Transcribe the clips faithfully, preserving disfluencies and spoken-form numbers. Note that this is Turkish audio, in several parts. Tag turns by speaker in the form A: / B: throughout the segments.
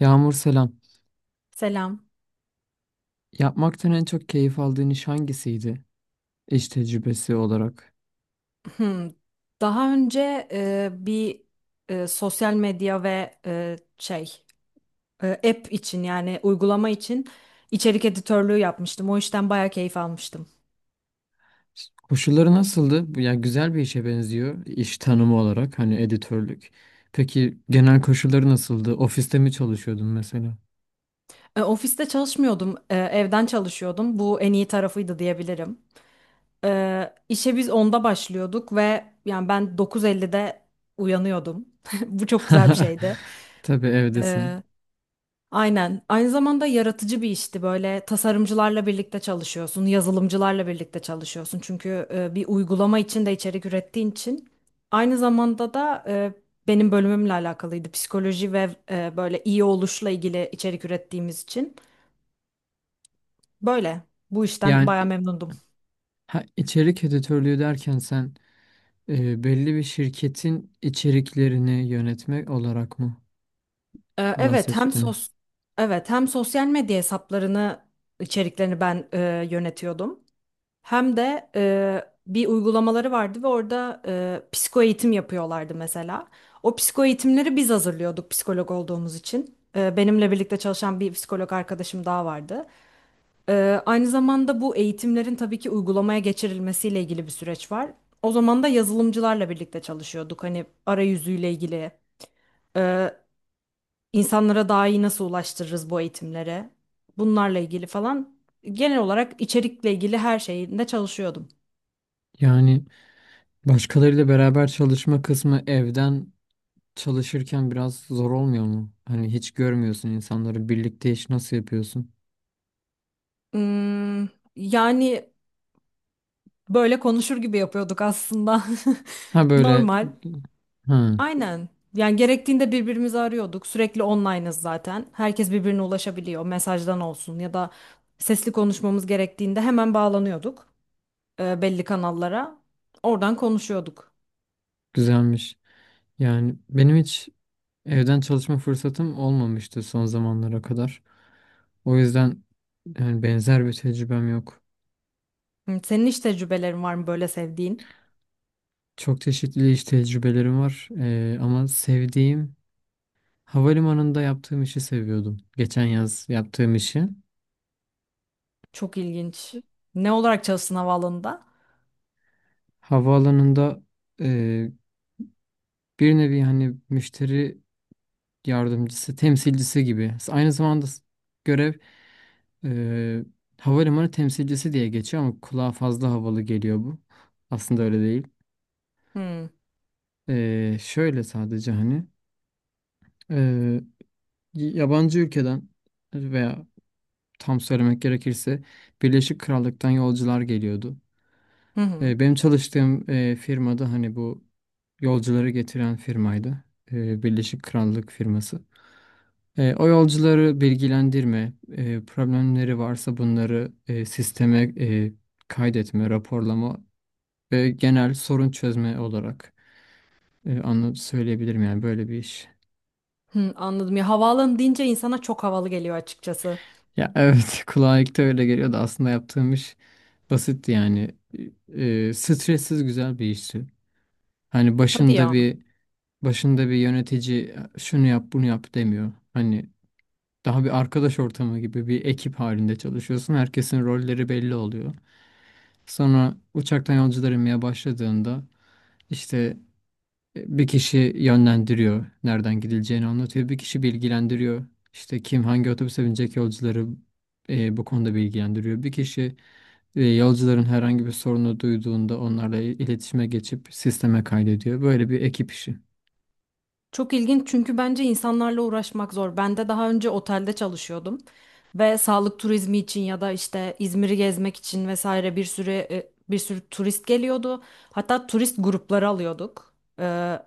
A: Yağmur selam.
B: Selam.
A: Yapmaktan en çok keyif aldığın iş hangisiydi? İş tecrübesi olarak.
B: Hmm. Daha önce e, bir e, sosyal medya ve e, şey e, app için yani uygulama için içerik editörlüğü yapmıştım. O işten bayağı keyif almıştım.
A: Koşulları nasıldı? Bu- Yani güzel bir işe benziyor iş tanımı olarak hani editörlük. Peki genel koşulları nasıldı? Ofiste mi çalışıyordun mesela?
B: E, ofiste çalışmıyordum, e, evden çalışıyordum. Bu en iyi tarafıydı diyebilirim. E, işe biz onda başlıyorduk ve yani ben dokuz ellide uyanıyordum. Bu çok güzel bir şeydi.
A: Tabii evdesin.
B: E, Aynen. Aynı zamanda yaratıcı bir işti. Böyle tasarımcılarla birlikte çalışıyorsun, yazılımcılarla birlikte çalışıyorsun. Çünkü e, bir uygulama için de içerik ürettiğin için. Aynı zamanda da e, benim bölümümle alakalıydı. Psikoloji ve e, böyle iyi oluşla ilgili içerik ürettiğimiz için. Böyle. Bu işten
A: Yani
B: baya
A: i-
B: memnundum.
A: ha, içerik editörlüğü derken sen e, belli bir şirketin içeriklerini yönetmek olarak mı
B: E, evet, hem
A: bahsettin?
B: sos Evet, hem sosyal medya hesaplarını içeriklerini ben e, yönetiyordum. Hem de e, bir uygulamaları vardı ve orada e, psiko eğitim yapıyorlardı mesela. O psiko eğitimleri biz hazırlıyorduk psikolog olduğumuz için. E, benimle birlikte çalışan bir psikolog arkadaşım daha vardı. E, aynı zamanda bu eğitimlerin tabii ki uygulamaya geçirilmesiyle ilgili bir süreç var. O zaman da yazılımcılarla birlikte çalışıyorduk. Hani arayüzüyle ilgili, e, insanlara daha iyi nasıl ulaştırırız bu eğitimlere, bunlarla ilgili falan. Genel olarak içerikle ilgili her şeyinde çalışıyordum.
A: Yani başkalarıyla beraber çalışma kısmı evden çalışırken biraz zor olmuyor mu? Hani hiç görmüyorsun insanları, birlikte iş nasıl yapıyorsun?
B: Hmm, yani böyle konuşur gibi yapıyorduk aslında.
A: Ha, böyle.
B: Normal.
A: Ha.
B: Aynen. Yani gerektiğinde birbirimizi arıyorduk. Sürekli online'ız zaten. Herkes birbirine ulaşabiliyor. Mesajdan olsun ya da sesli konuşmamız gerektiğinde hemen bağlanıyorduk e, belli kanallara. Oradan konuşuyorduk.
A: Güzelmiş. Yani benim hiç evden çalışma fırsatım olmamıştı son zamanlara kadar. O yüzden yani benzer bir tecrübem yok.
B: Hı, senin hiç tecrübelerin var mı böyle sevdiğin?
A: Çok çeşitli iş tecrübelerim var. Ee, ama sevdiğim, havalimanında yaptığım işi seviyordum. Geçen yaz yaptığım işi.
B: Çok ilginç. Ne olarak çalıştın havaalanında?
A: Havaalanında e, bir nevi hani müşteri yardımcısı, temsilcisi gibi. Aynı zamanda s- görev e, havalimanı temsilcisi diye geçiyor ama kulağa fazla havalı geliyor bu. Aslında öyle değil.
B: Hmm.
A: E, şöyle, sadece hani e, yabancı ülkeden veya tam söylemek gerekirse Birleşik Krallık'tan yolcular geliyordu.
B: Hı hı.
A: E, benim çalıştığım e, firmada hani bu yolcuları getiren firmaydı. E, Birleşik Krallık firması. E, o yolcuları bilgilendirme, e, problemleri varsa bunları e, sisteme e, kaydetme, raporlama ve genel sorun çözme olarak e, anla- söyleyebilirim yani, böyle bir iş.
B: Hı, anladım. Ya havaalanı deyince insana çok havalı geliyor açıkçası.
A: Ya evet, kulağa ilk de öyle geliyordu, aslında yaptığım iş basitti yani. E, stressiz, güzel bir işti. Hani
B: Hadi
A: başında
B: ya.
A: bir başında bir yönetici şunu yap bunu yap demiyor. Hani daha bir arkadaş ortamı gibi, bir ekip halinde çalışıyorsun. Herkesin rolleri belli oluyor. Sonra uçaktan yolcular inmeye başladığında işte e, bir kişi yönlendiriyor, nereden gidileceğini anlatıyor. Bir kişi bilgilendiriyor. İşte kim hangi otobüse binecek yolcuları e, bu konuda bilgilendiriyor. Bir kişi e, yolcuların herhangi bir sorunu duyduğunda onlarla il- iletişime geçip sisteme kaydediyor. Böyle bir ekip işi.
B: Çok ilginç çünkü bence insanlarla uğraşmak zor. Ben de daha önce otelde çalışıyordum ve sağlık turizmi için ya da işte İzmir'i gezmek için vesaire bir sürü e, bir sürü turist geliyordu. Hatta turist grupları alıyorduk. Ee,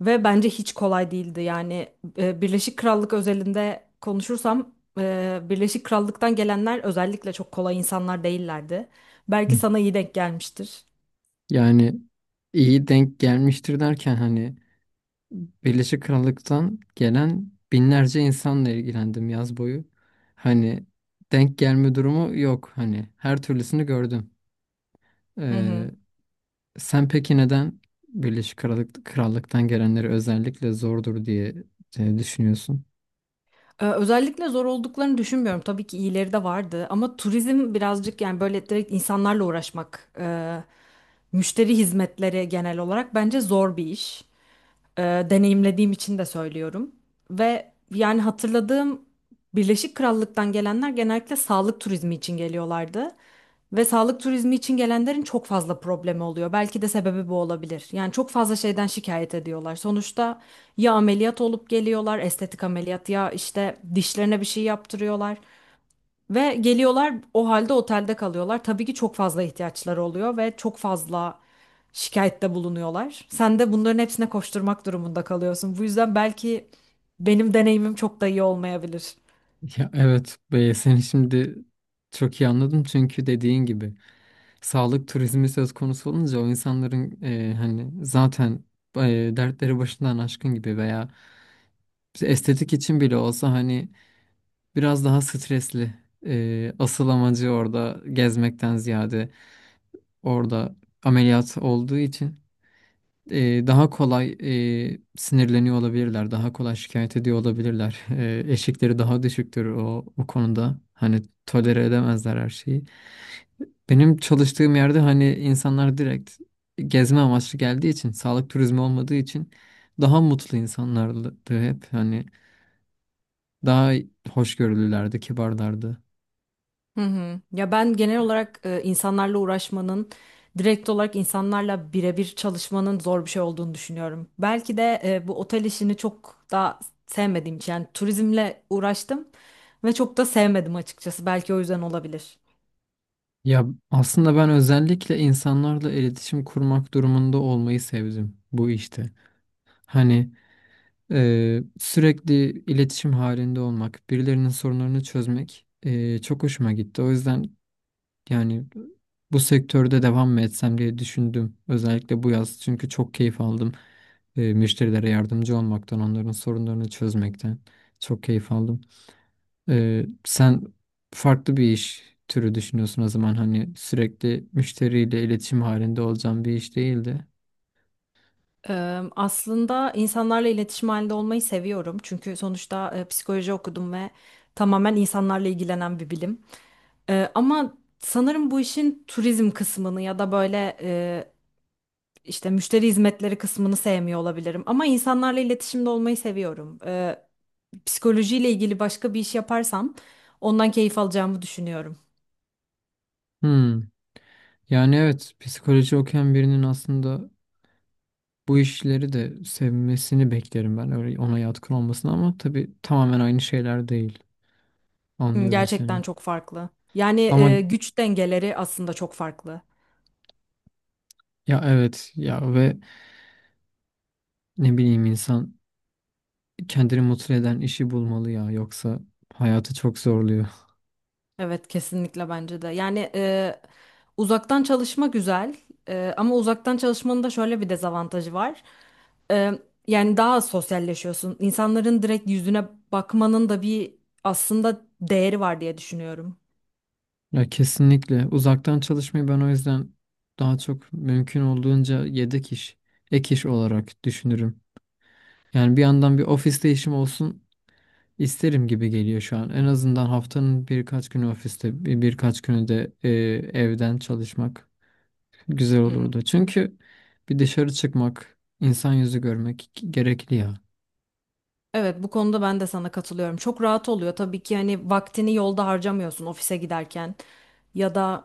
B: ve bence hiç kolay değildi. Yani e, Birleşik Krallık özelinde konuşursam e, Birleşik Krallık'tan gelenler özellikle çok kolay insanlar değillerdi. Belki
A: Hı.
B: sana iyi denk gelmiştir.
A: Yani, iyi denk gelmiştir derken hani, Birleşik Krallık'tan gelen binlerce insanla ilgilendim yaz boyu. Hani denk gelme durumu yok. Hani her türlüsünü gördüm.
B: Hı
A: Ee,
B: hı.
A: Sen peki neden Birleşik Krallık, Krallık'tan gelenleri özellikle zordur diye e, düşünüyorsun?
B: Ee, Özellikle zor olduklarını düşünmüyorum. Tabii ki iyileri de vardı ama turizm birazcık yani böyle direkt insanlarla uğraşmak, e, müşteri hizmetleri genel olarak bence zor bir iş, e, deneyimlediğim için de söylüyorum. Ve yani hatırladığım Birleşik Krallık'tan gelenler genellikle sağlık turizmi için geliyorlardı. Ve sağlık turizmi için gelenlerin çok fazla problemi oluyor. Belki de sebebi bu olabilir. Yani çok fazla şeyden şikayet ediyorlar. Sonuçta ya ameliyat olup geliyorlar, estetik ameliyat ya işte dişlerine bir şey yaptırıyorlar. Ve geliyorlar o halde otelde kalıyorlar. Tabii ki çok fazla ihtiyaçları oluyor ve çok fazla şikayette bulunuyorlar. Sen de bunların hepsine koşturmak durumunda kalıyorsun. Bu yüzden belki benim deneyimim çok da iyi olmayabilir.
A: Ya evet, be, seni şimdi çok iyi anladım, çünkü dediğin gibi sağlık turizmi söz konusu olunca o insanların e, hani zaten e, dertleri başından aşkın gibi, veya işte estetik için bile olsa hani, biraz daha stresli. Ee, asıl amacı orada gezmekten ziyade orada ameliyat olduğu için e, daha kolay e, sinirleniyor olabilirler. Daha kolay şikayet ediyor olabilirler. E, eşikleri daha düşüktür o, o konuda. Hani tolere edemezler her şeyi. Benim çalıştığım yerde hani insanlar direkt gezme amaçlı geldiği için, sağlık turizmi olmadığı için, daha mutlu insanlardı hep. Hani daha hoşgörülülerdi, kibarlardı.
B: Hı hı. Ya ben genel olarak e, insanlarla uğraşmanın, direkt olarak insanlarla birebir çalışmanın zor bir şey olduğunu düşünüyorum. Belki de e, bu otel işini çok da sevmediğim için yani turizmle uğraştım ve çok da sevmedim açıkçası. Belki o yüzden olabilir.
A: Ya aslında ben özellikle insanlarla iletişim kurmak durumunda olmayı sevdim bu işte. Hani e, sürekli iletişim halinde olmak, birilerinin sorunlarını çözmek e, çok hoşuma gitti. O yüzden yani, bu sektörde devam mı etsem diye düşündüm. Özellikle bu yaz, çünkü çok keyif aldım. E, müşterilere yardımcı olmaktan, onların sorunlarını çözmekten çok keyif aldım. Ee, sen farklı bir iş türü düşünüyorsun o zaman, hani sürekli müşteriyle iletişim halinde olacağın bir iş değildi.
B: Eee, Aslında insanlarla iletişim halinde olmayı seviyorum. Çünkü sonuçta e, psikoloji okudum ve tamamen insanlarla ilgilenen bir bilim. Eee, ama sanırım bu işin turizm kısmını ya da böyle e, işte müşteri hizmetleri kısmını sevmiyor olabilirim. Ama insanlarla iletişimde olmayı seviyorum. Eee psikolojiyle ilgili başka bir iş yaparsam ondan keyif alacağımı düşünüyorum.
A: Hmm. Yani evet, psikoloji okuyan birinin aslında bu işleri de sevmesini beklerim ben, öyle ona yatkın olmasını, ama tabii tamamen aynı şeyler değil.
B: Hı,
A: Anlıyorum seni.
B: gerçekten çok farklı. Yani
A: Ama
B: e, güç dengeleri aslında çok farklı.
A: ya evet, ya, ve ne bileyim, insan kendini mutlu eden işi bulmalı ya, yoksa hayatı çok zorluyor.
B: Evet, kesinlikle bence de. Yani e, uzaktan çalışma güzel. E, ama uzaktan çalışmanın da şöyle bir dezavantajı var. E, Yani daha az sosyalleşiyorsun. İnsanların direkt yüzüne bakmanın da bir aslında değeri var diye düşünüyorum.
A: Ya kesinlikle, uzaktan çalışmayı ben o yüzden daha çok mümkün olduğunca yedek iş, ek iş olarak düşünürüm. Yani bir yandan bir ofiste işim olsun isterim gibi geliyor şu an. En azından haftanın birkaç günü ofiste, bir- birkaç günü de e, evden çalışmak güzel
B: Hı hı.
A: olurdu. Çünkü bir dışarı çıkmak, insan yüzü görmek gerekli ya.
B: Evet, bu konuda ben de sana katılıyorum. Çok rahat oluyor tabii ki, hani vaktini yolda harcamıyorsun ofise giderken ya da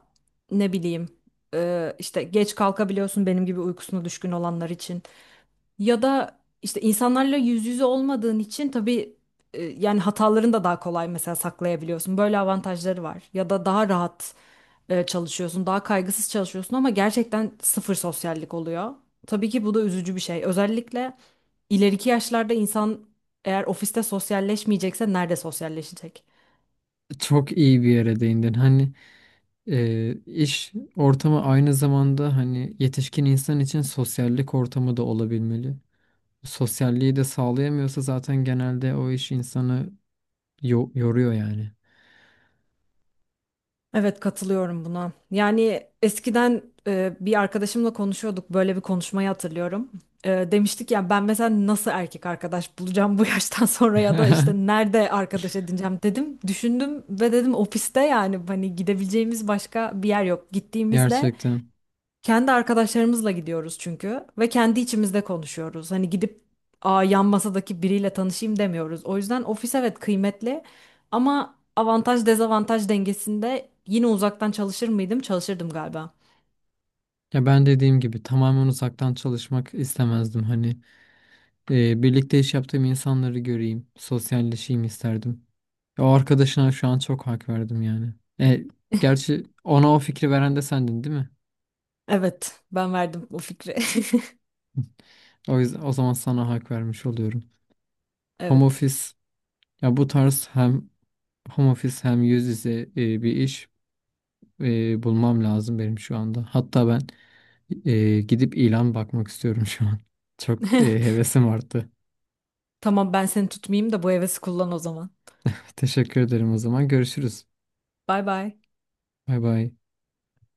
B: ne bileyim e, işte geç kalkabiliyorsun benim gibi uykusuna düşkün olanlar için. Ya da işte insanlarla yüz yüze olmadığın için tabii e, yani hatalarını da daha kolay mesela saklayabiliyorsun. Böyle avantajları var. Ya da daha rahat e, çalışıyorsun, daha kaygısız çalışıyorsun ama gerçekten sıfır sosyallik oluyor. Tabii ki bu da üzücü bir şey. Özellikle ileriki yaşlarda insan eğer ofiste sosyalleşmeyecekse nerede sosyalleşecek?
A: Çok iyi bir yere değindin. Hani e, iş ortamı aynı zamanda hani yetişkin insan için sosyallik ortamı da olabilmeli. Sosyalliği de sağlayamıyorsa zaten genelde o iş insanı yo- yoruyor yani.
B: Evet, katılıyorum buna. Yani eskiden e, bir arkadaşımla konuşuyorduk, böyle bir konuşmayı hatırlıyorum. E, demiştik ya, ben mesela nasıl erkek arkadaş bulacağım bu yaştan sonra ya da işte nerede arkadaş edineceğim dedim. Düşündüm ve dedim ofiste, yani hani gidebileceğimiz başka bir yer yok. Gittiğimizde
A: Gerçekten.
B: kendi arkadaşlarımızla gidiyoruz çünkü ve kendi içimizde konuşuyoruz. Hani gidip, "Aa, yan masadaki biriyle tanışayım," demiyoruz. O yüzden ofis evet kıymetli ama avantaj dezavantaj dengesinde yine uzaktan çalışır mıydım? Çalışırdım galiba.
A: Ya ben dediğim gibi tamamen uzaktan çalışmak istemezdim hani. Ee, birlikte iş yaptığım insanları göreyim, sosyalleşeyim isterdim. Ya o arkadaşına şu an çok hak verdim yani. E, Gerçi ona o fikri veren de sendin değil mi?
B: Evet, ben verdim o fikri.
A: O yüzden o zaman sana hak vermiş oluyorum. Home
B: Evet.
A: office, ya bu tarz, hem home office hem yüz yüze e, bir iş e, bulmam lazım benim şu anda. Hatta ben e, gidip ilan bakmak istiyorum şu an. Çok e, hevesim arttı.
B: Tamam, ben seni tutmayayım da bu hevesi kullan o zaman.
A: Teşekkür ederim o zaman. Görüşürüz.
B: Bay bay.
A: Bay bay.